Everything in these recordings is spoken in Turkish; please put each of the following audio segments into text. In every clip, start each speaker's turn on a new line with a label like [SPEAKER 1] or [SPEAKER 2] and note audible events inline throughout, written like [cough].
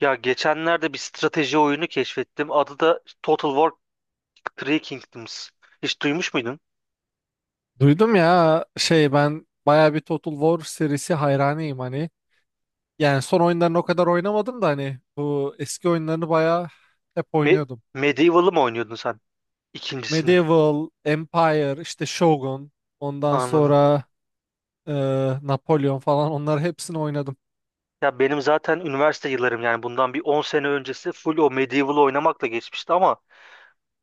[SPEAKER 1] Ya geçenlerde bir strateji oyunu keşfettim. Adı da Total War Three Kingdoms. Hiç duymuş muydun?
[SPEAKER 2] Duydum ya şey ben baya bir Total War serisi hayranıyım hani. Yani son oyunlarını o kadar oynamadım da hani bu eski oyunlarını baya hep
[SPEAKER 1] Me
[SPEAKER 2] oynuyordum.
[SPEAKER 1] Medieval'ı mı oynuyordun sen? İkincisini.
[SPEAKER 2] Medieval, Empire, işte Shogun, ondan
[SPEAKER 1] Anladım.
[SPEAKER 2] sonra e, Napolyon falan onları hepsini oynadım.
[SPEAKER 1] Ya benim zaten üniversite yıllarım, yani bundan bir 10 sene öncesi full o Medieval'ı oynamakla geçmişti ama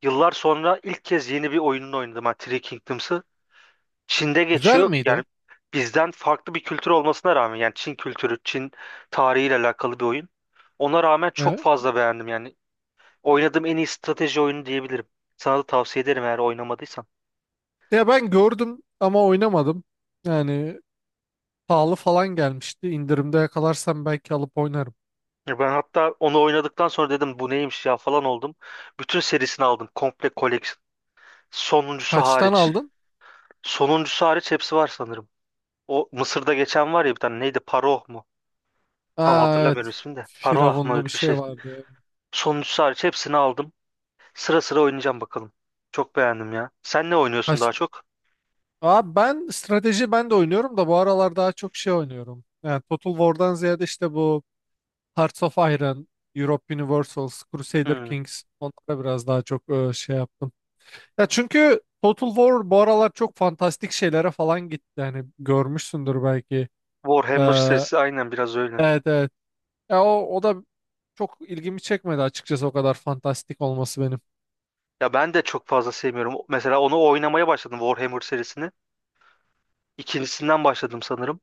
[SPEAKER 1] yıllar sonra ilk kez yeni bir oyununu oynadım. Yani Three Kingdoms'ı. Çin'de
[SPEAKER 2] Güzel
[SPEAKER 1] geçiyor. Yani
[SPEAKER 2] miydi?
[SPEAKER 1] bizden farklı bir kültür olmasına rağmen, yani Çin kültürü, Çin tarihiyle alakalı bir oyun. Ona rağmen çok
[SPEAKER 2] Evet.
[SPEAKER 1] fazla beğendim yani. Oynadığım en iyi strateji oyunu diyebilirim. Sana da tavsiye ederim, eğer oynamadıysan.
[SPEAKER 2] Ya ben gördüm ama oynamadım. Yani pahalı falan gelmişti. İndirimde yakalarsam belki alıp oynarım.
[SPEAKER 1] Ya ben hatta onu oynadıktan sonra dedim bu neymiş ya falan oldum. Bütün serisini aldım. Komple collection. Sonuncusu
[SPEAKER 2] Kaçtan
[SPEAKER 1] hariç.
[SPEAKER 2] aldın?
[SPEAKER 1] Sonuncusu hariç hepsi var sanırım. O Mısır'da geçen var ya, bir tane, neydi? Paroh mu? Tam
[SPEAKER 2] Aa,
[SPEAKER 1] hatırlamıyorum
[SPEAKER 2] evet.
[SPEAKER 1] ismini de. Paroah mı,
[SPEAKER 2] Firavunlu bir
[SPEAKER 1] öyle bir
[SPEAKER 2] şey
[SPEAKER 1] şey.
[SPEAKER 2] vardı.
[SPEAKER 1] Sonuncusu hariç hepsini aldım. Sıra sıra oynayacağım bakalım. Çok beğendim ya. Sen ne oynuyorsun
[SPEAKER 2] Kaç
[SPEAKER 1] daha çok?
[SPEAKER 2] Abi ben strateji ben de oynuyorum da bu aralar daha çok şey oynuyorum. Yani Total War'dan ziyade işte bu Hearts of Iron, Europe Universals, Crusader
[SPEAKER 1] Hmm.
[SPEAKER 2] Kings onlara biraz daha çok şey yaptım. Ya çünkü Total War bu aralar çok fantastik şeylere falan gitti. Yani görmüşsündür belki. Ee,
[SPEAKER 1] Warhammer serisi aynen biraz öyle.
[SPEAKER 2] evet, evet. Ya o da çok ilgimi çekmedi açıkçası, o kadar fantastik olması benim.
[SPEAKER 1] Ya ben de çok fazla sevmiyorum. Mesela onu oynamaya başladım, Warhammer serisini. İkincisinden başladım sanırım.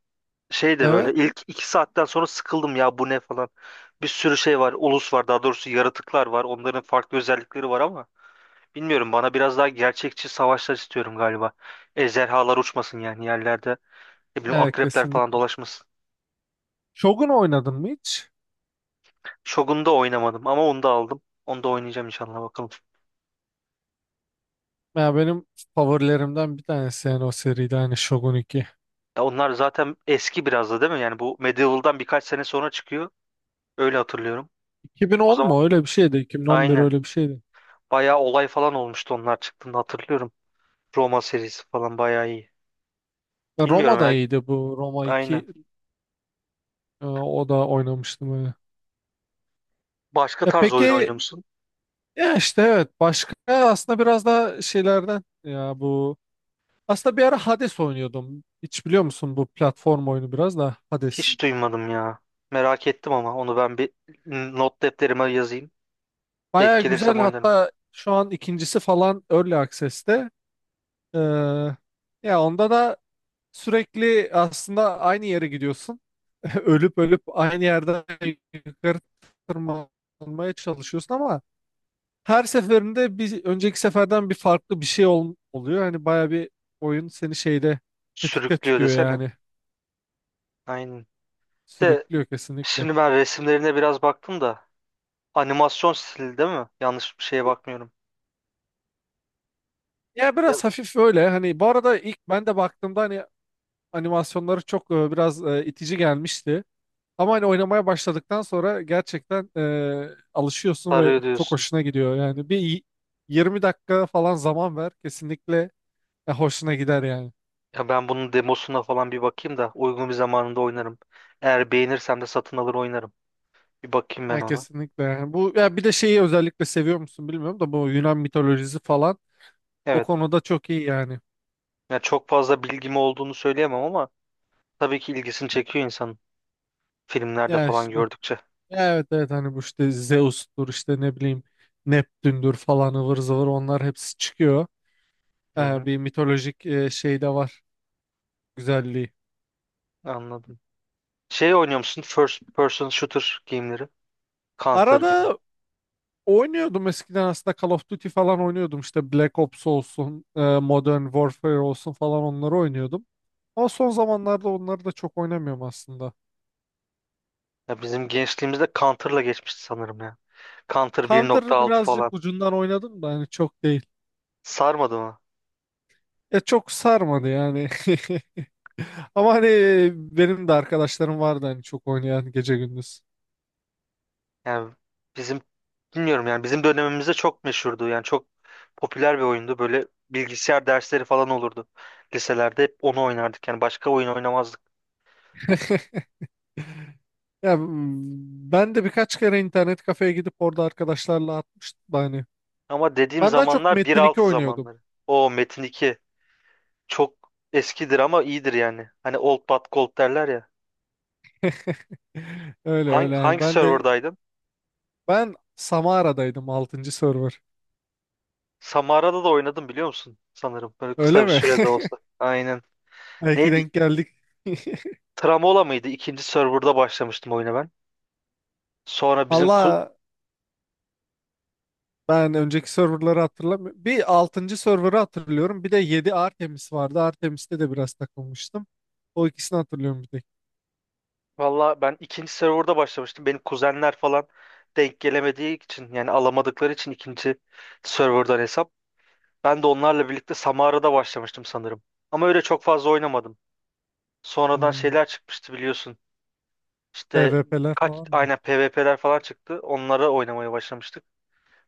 [SPEAKER 1] Şey de böyle
[SPEAKER 2] Evet.
[SPEAKER 1] ilk 2 saatten sonra sıkıldım ya, bu ne falan. Bir sürü şey var. Ulus var, daha doğrusu yaratıklar var. Onların farklı özellikleri var ama bilmiyorum, bana biraz daha gerçekçi savaşlar, istiyorum galiba. Ejderhalar uçmasın yani yerlerde. Ne bileyim,
[SPEAKER 2] Evet,
[SPEAKER 1] akrepler falan
[SPEAKER 2] kesinlikle.
[SPEAKER 1] dolaşmasın.
[SPEAKER 2] Shogun oynadın mı hiç?
[SPEAKER 1] Shogun'u da oynamadım ama onu da aldım. Onu da oynayacağım inşallah bakalım.
[SPEAKER 2] Ya benim favorilerimden bir tanesi yani o seride hani Shogun 2.
[SPEAKER 1] Ya onlar zaten eski biraz da, değil mi? Yani bu Medieval'dan birkaç sene sonra çıkıyor. Öyle hatırlıyorum. O
[SPEAKER 2] 2010
[SPEAKER 1] zaman
[SPEAKER 2] mu öyle bir şeydi, 2011
[SPEAKER 1] aynen.
[SPEAKER 2] öyle bir şeydi.
[SPEAKER 1] Bayağı olay falan olmuştu onlar çıktığında, hatırlıyorum. Roma serisi falan bayağı iyi.
[SPEAKER 2] Ya Roma
[SPEAKER 1] Bilmiyorum
[SPEAKER 2] da
[SPEAKER 1] ya.
[SPEAKER 2] iyiydi, bu Roma
[SPEAKER 1] Aynen.
[SPEAKER 2] iki o da oynamıştım öyle.
[SPEAKER 1] Başka
[SPEAKER 2] Ya
[SPEAKER 1] tarz oyun
[SPEAKER 2] peki,
[SPEAKER 1] oynuyor musun?
[SPEAKER 2] ya işte evet, başka aslında biraz da şeylerden ya bu aslında bir ara Hades oynuyordum. Hiç biliyor musun, bu platform oyunu biraz da Hades.
[SPEAKER 1] Hiç duymadım ya. Merak ettim ama onu ben bir not defterime yazayım. Denk
[SPEAKER 2] Baya
[SPEAKER 1] gelirsem
[SPEAKER 2] güzel,
[SPEAKER 1] oynarım.
[SPEAKER 2] hatta şu an ikincisi falan Early Access'te. Ee, ya onda da sürekli aslında aynı yere gidiyorsun. [laughs] Ölüp ölüp aynı yerden yukarı tırmanmaya çalışıyorsun ama her seferinde bir önceki seferden bir farklı bir şey oluyor. Hani baya bir oyun seni şeyde tetikte
[SPEAKER 1] Sürüklüyor
[SPEAKER 2] tutuyor
[SPEAKER 1] desene.
[SPEAKER 2] yani.
[SPEAKER 1] Aynen. De
[SPEAKER 2] Sürüklüyor, kesinlikle.
[SPEAKER 1] Şimdi ben resimlerine biraz baktım da animasyon stili, değil mi? Yanlış bir şeye bakmıyorum.
[SPEAKER 2] Ya
[SPEAKER 1] Biraz
[SPEAKER 2] biraz hafif öyle. Hani bu arada ilk ben de baktığımda hani animasyonları çok biraz itici gelmişti. Ama hani oynamaya başladıktan sonra gerçekten alışıyorsun ve
[SPEAKER 1] sarıyor
[SPEAKER 2] çok
[SPEAKER 1] diyorsun.
[SPEAKER 2] hoşuna gidiyor. Yani bir 20 dakika falan zaman ver, kesinlikle hoşuna gider yani.
[SPEAKER 1] Ya ben bunun demosuna falan bir bakayım da uygun bir zamanında oynarım. Eğer beğenirsem de satın alır oynarım. Bir bakayım ben
[SPEAKER 2] Yani
[SPEAKER 1] ona.
[SPEAKER 2] kesinlikle yani. Bu ya bir de şeyi özellikle seviyor musun bilmiyorum da, bu Yunan mitolojisi falan o
[SPEAKER 1] Evet.
[SPEAKER 2] konuda çok iyi yani.
[SPEAKER 1] Ya çok fazla bilgim olduğunu söyleyemem ama tabii ki ilgisini çekiyor insan, filmlerde
[SPEAKER 2] Ya
[SPEAKER 1] falan
[SPEAKER 2] işte
[SPEAKER 1] gördükçe.
[SPEAKER 2] ya evet, evet, hani bu işte Zeus'tur, işte ne bileyim Neptün'dür falan ıvır zıvır, onlar hepsi çıkıyor.
[SPEAKER 1] Hı
[SPEAKER 2] E,
[SPEAKER 1] hı,
[SPEAKER 2] bir mitolojik şey de var güzelliği.
[SPEAKER 1] anladım. Şey oynuyor musun? First person shooter game'leri. Counter gibi.
[SPEAKER 2] Arada oynuyordum eskiden aslında. Call of Duty falan oynuyordum, işte Black Ops olsun, Modern Warfare olsun falan, onları oynuyordum. Ama son zamanlarda onları da çok oynamıyorum aslında.
[SPEAKER 1] Ya bizim gençliğimizde Counter'la geçmişti sanırım ya. Counter
[SPEAKER 2] Counter
[SPEAKER 1] 1.6
[SPEAKER 2] birazcık
[SPEAKER 1] falan.
[SPEAKER 2] ucundan oynadım da hani, çok değil.
[SPEAKER 1] Sarmadı mı?
[SPEAKER 2] E, çok sarmadı yani. [laughs] Ama hani benim de arkadaşlarım vardı hani çok oynayan, gece gündüz.
[SPEAKER 1] Yani bizim, bilmiyorum, yani bizim dönemimizde çok meşhurdu. Yani çok popüler bir oyundu. Böyle bilgisayar dersleri falan olurdu. Liselerde hep onu oynardık. Yani başka oyun oynamazdık.
[SPEAKER 2] [laughs] Ya ben de birkaç kere internet kafeye gidip orada arkadaşlarla atmıştım da hani.
[SPEAKER 1] Ama dediğim
[SPEAKER 2] Ben daha çok
[SPEAKER 1] zamanlar bir
[SPEAKER 2] Metin 2
[SPEAKER 1] altı
[SPEAKER 2] oynuyordum.
[SPEAKER 1] zamanları. O Metin 2 çok eskidir ama iyidir yani. Hani old but gold derler ya.
[SPEAKER 2] [laughs] Öyle
[SPEAKER 1] Hangi,
[SPEAKER 2] öyle yani,
[SPEAKER 1] hangi
[SPEAKER 2] ben de.
[SPEAKER 1] serverdaydın?
[SPEAKER 2] Ben Samara'daydım, altıncı server.
[SPEAKER 1] Samara'da da oynadım biliyor musun? Sanırım böyle kısa
[SPEAKER 2] Öyle
[SPEAKER 1] bir
[SPEAKER 2] mi?
[SPEAKER 1] sürede olsa. Aynen.
[SPEAKER 2] [laughs] Belki
[SPEAKER 1] Neydi?
[SPEAKER 2] denk geldik. [laughs]
[SPEAKER 1] Tramola mıydı? İkinci serverda başlamıştım oyuna ben. Sonra bizim ku
[SPEAKER 2] Allah, ben önceki serverları hatırlamıyorum. Bir altıncı serverı hatırlıyorum. Bir de 7 Artemis vardı. Artemis'te de biraz takılmıştım. O ikisini hatırlıyorum bir tek.
[SPEAKER 1] Valla ben ikinci serverda başlamıştım. Benim kuzenler falan denk gelemediği için, yani alamadıkları için ikinci serverdan hesap. Ben de onlarla birlikte Samara'da başlamıştım sanırım. Ama öyle çok fazla oynamadım. Sonradan
[SPEAKER 2] Hmm,
[SPEAKER 1] şeyler çıkmıştı biliyorsun. İşte
[SPEAKER 2] PvP'ler falan mı?
[SPEAKER 1] aynen, PvP'ler falan çıktı. Onlara oynamaya başlamıştık.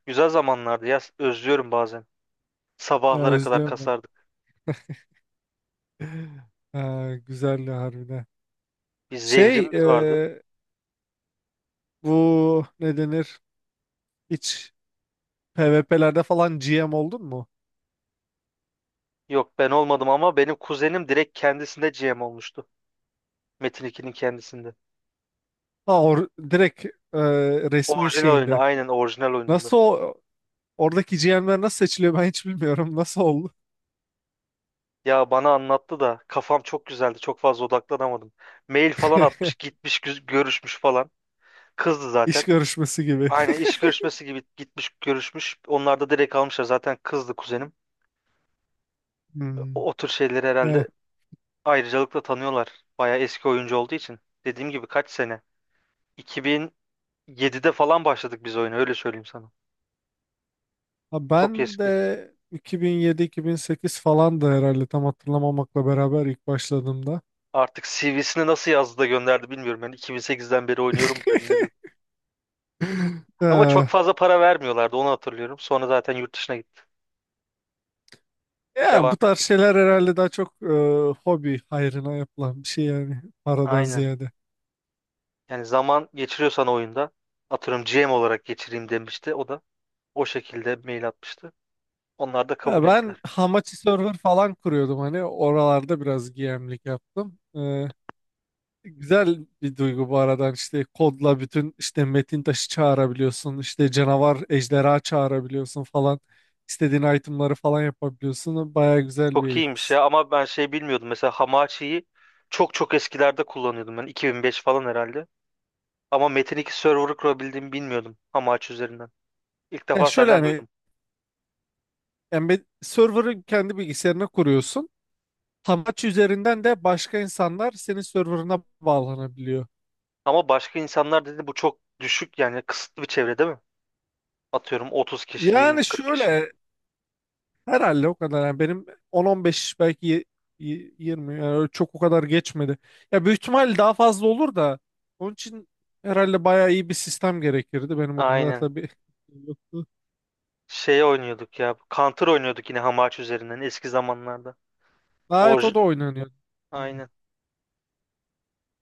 [SPEAKER 1] Güzel zamanlardı ya. Özlüyorum bazen.
[SPEAKER 2] Ya
[SPEAKER 1] Sabahlara kadar
[SPEAKER 2] özlüyorum ben.
[SPEAKER 1] kasardık.
[SPEAKER 2] [laughs] Ha, güzeldi harbiden.
[SPEAKER 1] Bir
[SPEAKER 2] Şey
[SPEAKER 1] zehrimiz vardı.
[SPEAKER 2] e, bu ne denir? Hiç PvP'lerde falan GM oldun mu?
[SPEAKER 1] Yok, ben olmadım ama benim kuzenim direkt kendisinde GM olmuştu. Metin 2'nin kendisinde.
[SPEAKER 2] Ha, or direkt e, resmi
[SPEAKER 1] Orijinal oyunda,
[SPEAKER 2] şeyinde.
[SPEAKER 1] aynen, orijinal oyununda.
[SPEAKER 2] Nasıl o. Oradaki GM'ler nasıl seçiliyor ben hiç bilmiyorum. Nasıl oldu?
[SPEAKER 1] Ya bana anlattı da kafam çok güzeldi. Çok fazla odaklanamadım. Mail falan atmış, gitmiş, görüşmüş falan. Kızdı
[SPEAKER 2] İş
[SPEAKER 1] zaten.
[SPEAKER 2] görüşmesi gibi.
[SPEAKER 1] Aynen,
[SPEAKER 2] [laughs]
[SPEAKER 1] iş görüşmesi gibi gitmiş, görüşmüş. Onlar da direkt almışlar. Zaten kızdı kuzenim.
[SPEAKER 2] Hmm.
[SPEAKER 1] O tür şeyleri
[SPEAKER 2] Eh.
[SPEAKER 1] herhalde ayrıcalıkla tanıyorlar. Bayağı eski oyuncu olduğu için. Dediğim gibi kaç sene? 2007'de falan başladık biz oyuna, öyle söyleyeyim sana.
[SPEAKER 2] Ha,
[SPEAKER 1] Çok
[SPEAKER 2] ben de
[SPEAKER 1] eski.
[SPEAKER 2] 2007-2008 falandı herhalde, tam hatırlamamakla beraber, ilk başladığımda.
[SPEAKER 1] Artık CV'sini nasıl yazdı da gönderdi bilmiyorum. Yani 2008'den beri oynuyorum dedi, ne dedi.
[SPEAKER 2] [laughs]
[SPEAKER 1] Ama
[SPEAKER 2] Eh,
[SPEAKER 1] çok fazla para vermiyorlardı, onu hatırlıyorum. Sonra zaten yurt dışına gitti.
[SPEAKER 2] ya
[SPEAKER 1] Devam
[SPEAKER 2] bu tarz
[SPEAKER 1] et.
[SPEAKER 2] şeyler herhalde daha çok hobi hayrına yapılan bir şey yani, paradan
[SPEAKER 1] Aynen.
[SPEAKER 2] ziyade.
[SPEAKER 1] Yani zaman geçiriyorsan oyunda, atıyorum, GM olarak geçireyim demişti. O da o şekilde mail atmıştı. Onlar da
[SPEAKER 2] Ha,
[SPEAKER 1] kabul
[SPEAKER 2] ben
[SPEAKER 1] ettiler.
[SPEAKER 2] Hamachi server falan kuruyordum, hani oralarda biraz GM'lik yaptım. Güzel bir duygu, bu aradan işte kodla bütün işte metin taşı çağırabiliyorsun, işte canavar, ejderha çağırabiliyorsun falan, istediğin itemları falan yapabiliyorsun, baya güzel
[SPEAKER 1] Çok
[SPEAKER 2] bir
[SPEAKER 1] iyiymiş
[SPEAKER 2] his.
[SPEAKER 1] ya, ama ben şey bilmiyordum. Mesela Hamachi'yi çok çok eskilerde kullanıyordum ben. 2005 falan herhalde. Ama Metin 2 server'ı kurabildiğimi bilmiyordum Hamachi üzerinden. İlk
[SPEAKER 2] Ya
[SPEAKER 1] defa
[SPEAKER 2] şöyle
[SPEAKER 1] senden
[SPEAKER 2] hani
[SPEAKER 1] duydum.
[SPEAKER 2] embed server'ı kendi bilgisayarına kuruyorsun, tam aç üzerinden de başka insanlar senin server'ına bağlanabiliyor.
[SPEAKER 1] Ama başka insanlar dedi, bu çok düşük yani, kısıtlı bir çevre, değil mi? Atıyorum 30 kişi,
[SPEAKER 2] Yani
[SPEAKER 1] 20-40 kişi.
[SPEAKER 2] şöyle, herhalde o kadar. Yani benim 10-15, belki 20, yani öyle çok o kadar geçmedi. Ya büyük ihtimal daha fazla olur da, onun için herhalde bayağı iyi bir sistem gerekirdi. Benim o kadar
[SPEAKER 1] Aynen.
[SPEAKER 2] da bir [laughs] yoktu.
[SPEAKER 1] Şey oynuyorduk ya. Counter oynuyorduk yine Hamachi üzerinden eski zamanlarda.
[SPEAKER 2] Gayet, o
[SPEAKER 1] Orj
[SPEAKER 2] da oynanıyor. Hmm.
[SPEAKER 1] Aynen.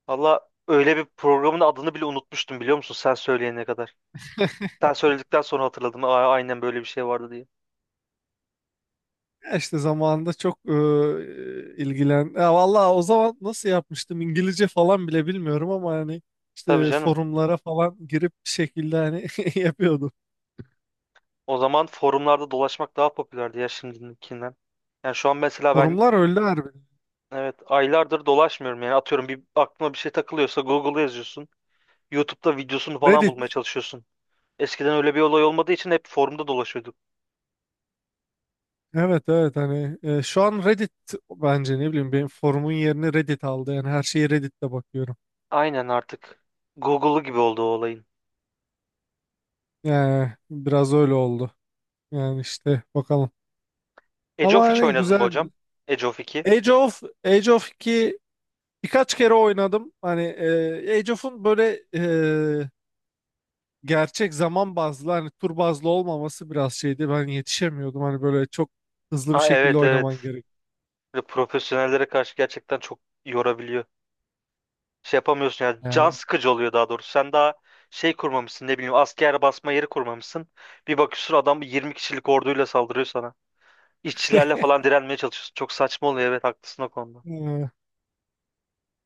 [SPEAKER 1] Valla, öyle bir programın adını bile unutmuştum biliyor musun, sen söyleyene kadar. Sen söyledikten sonra hatırladım. "Aa, aynen böyle bir şey vardı" diye.
[SPEAKER 2] Ya işte zamanında çok ilgilen. Ya vallahi o zaman nasıl yapmıştım, İngilizce falan bile bilmiyorum ama hani
[SPEAKER 1] Tabii
[SPEAKER 2] işte
[SPEAKER 1] canım.
[SPEAKER 2] forumlara falan girip bir şekilde hani [laughs] yapıyordum.
[SPEAKER 1] O zaman forumlarda dolaşmak daha popülerdi ya, şimdikinden. Yani şu an mesela ben,
[SPEAKER 2] Forumlar öldü harbiden.
[SPEAKER 1] evet, aylardır dolaşmıyorum. Yani atıyorum bir aklıma bir şey takılıyorsa Google'a yazıyorsun. YouTube'da videosunu falan
[SPEAKER 2] Reddit.
[SPEAKER 1] bulmaya çalışıyorsun. Eskiden öyle bir olay olmadığı için hep forumda dolaşıyorduk.
[SPEAKER 2] Evet, evet, hani şu an Reddit bence, ne bileyim, benim forumun yerini Reddit aldı. Yani her şeyi Reddit'te bakıyorum.
[SPEAKER 1] Aynen, artık Google'u gibi oldu o olayın.
[SPEAKER 2] Yani biraz öyle oldu. Yani işte bakalım.
[SPEAKER 1] Age
[SPEAKER 2] Ama
[SPEAKER 1] of hiç
[SPEAKER 2] hani
[SPEAKER 1] oynadın mı
[SPEAKER 2] güzel.
[SPEAKER 1] hocam? Age of 2.
[SPEAKER 2] Age of 2 birkaç kere oynadım. Hani Age of'un böyle e, gerçek zaman bazlı hani, tur bazlı olmaması biraz şeydi. Ben yetişemiyordum. Hani böyle çok hızlı bir
[SPEAKER 1] Ha,
[SPEAKER 2] şekilde
[SPEAKER 1] evet
[SPEAKER 2] oynaman
[SPEAKER 1] evet.
[SPEAKER 2] gerek.
[SPEAKER 1] Böyle profesyonellere karşı gerçekten çok yorabiliyor. Şey yapamıyorsun ya, can
[SPEAKER 2] Yani,
[SPEAKER 1] sıkıcı oluyor daha doğrusu. Sen daha şey kurmamışsın, ne bileyim asker basma yeri kurmamışsın. Bir bakıyorsun adam 20 kişilik orduyla saldırıyor sana. İşçilerle
[SPEAKER 2] [laughs]
[SPEAKER 1] falan direnmeye çalışıyorsun. Çok saçma oluyor, evet haklısın o konuda.
[SPEAKER 2] yani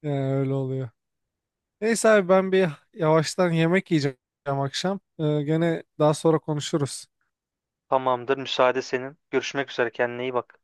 [SPEAKER 2] öyle oluyor. Neyse abi, ben bir yavaştan yemek yiyeceğim akşam. Gene daha sonra konuşuruz.
[SPEAKER 1] Tamamdır, müsaade senin. Görüşmek üzere, kendine iyi bak.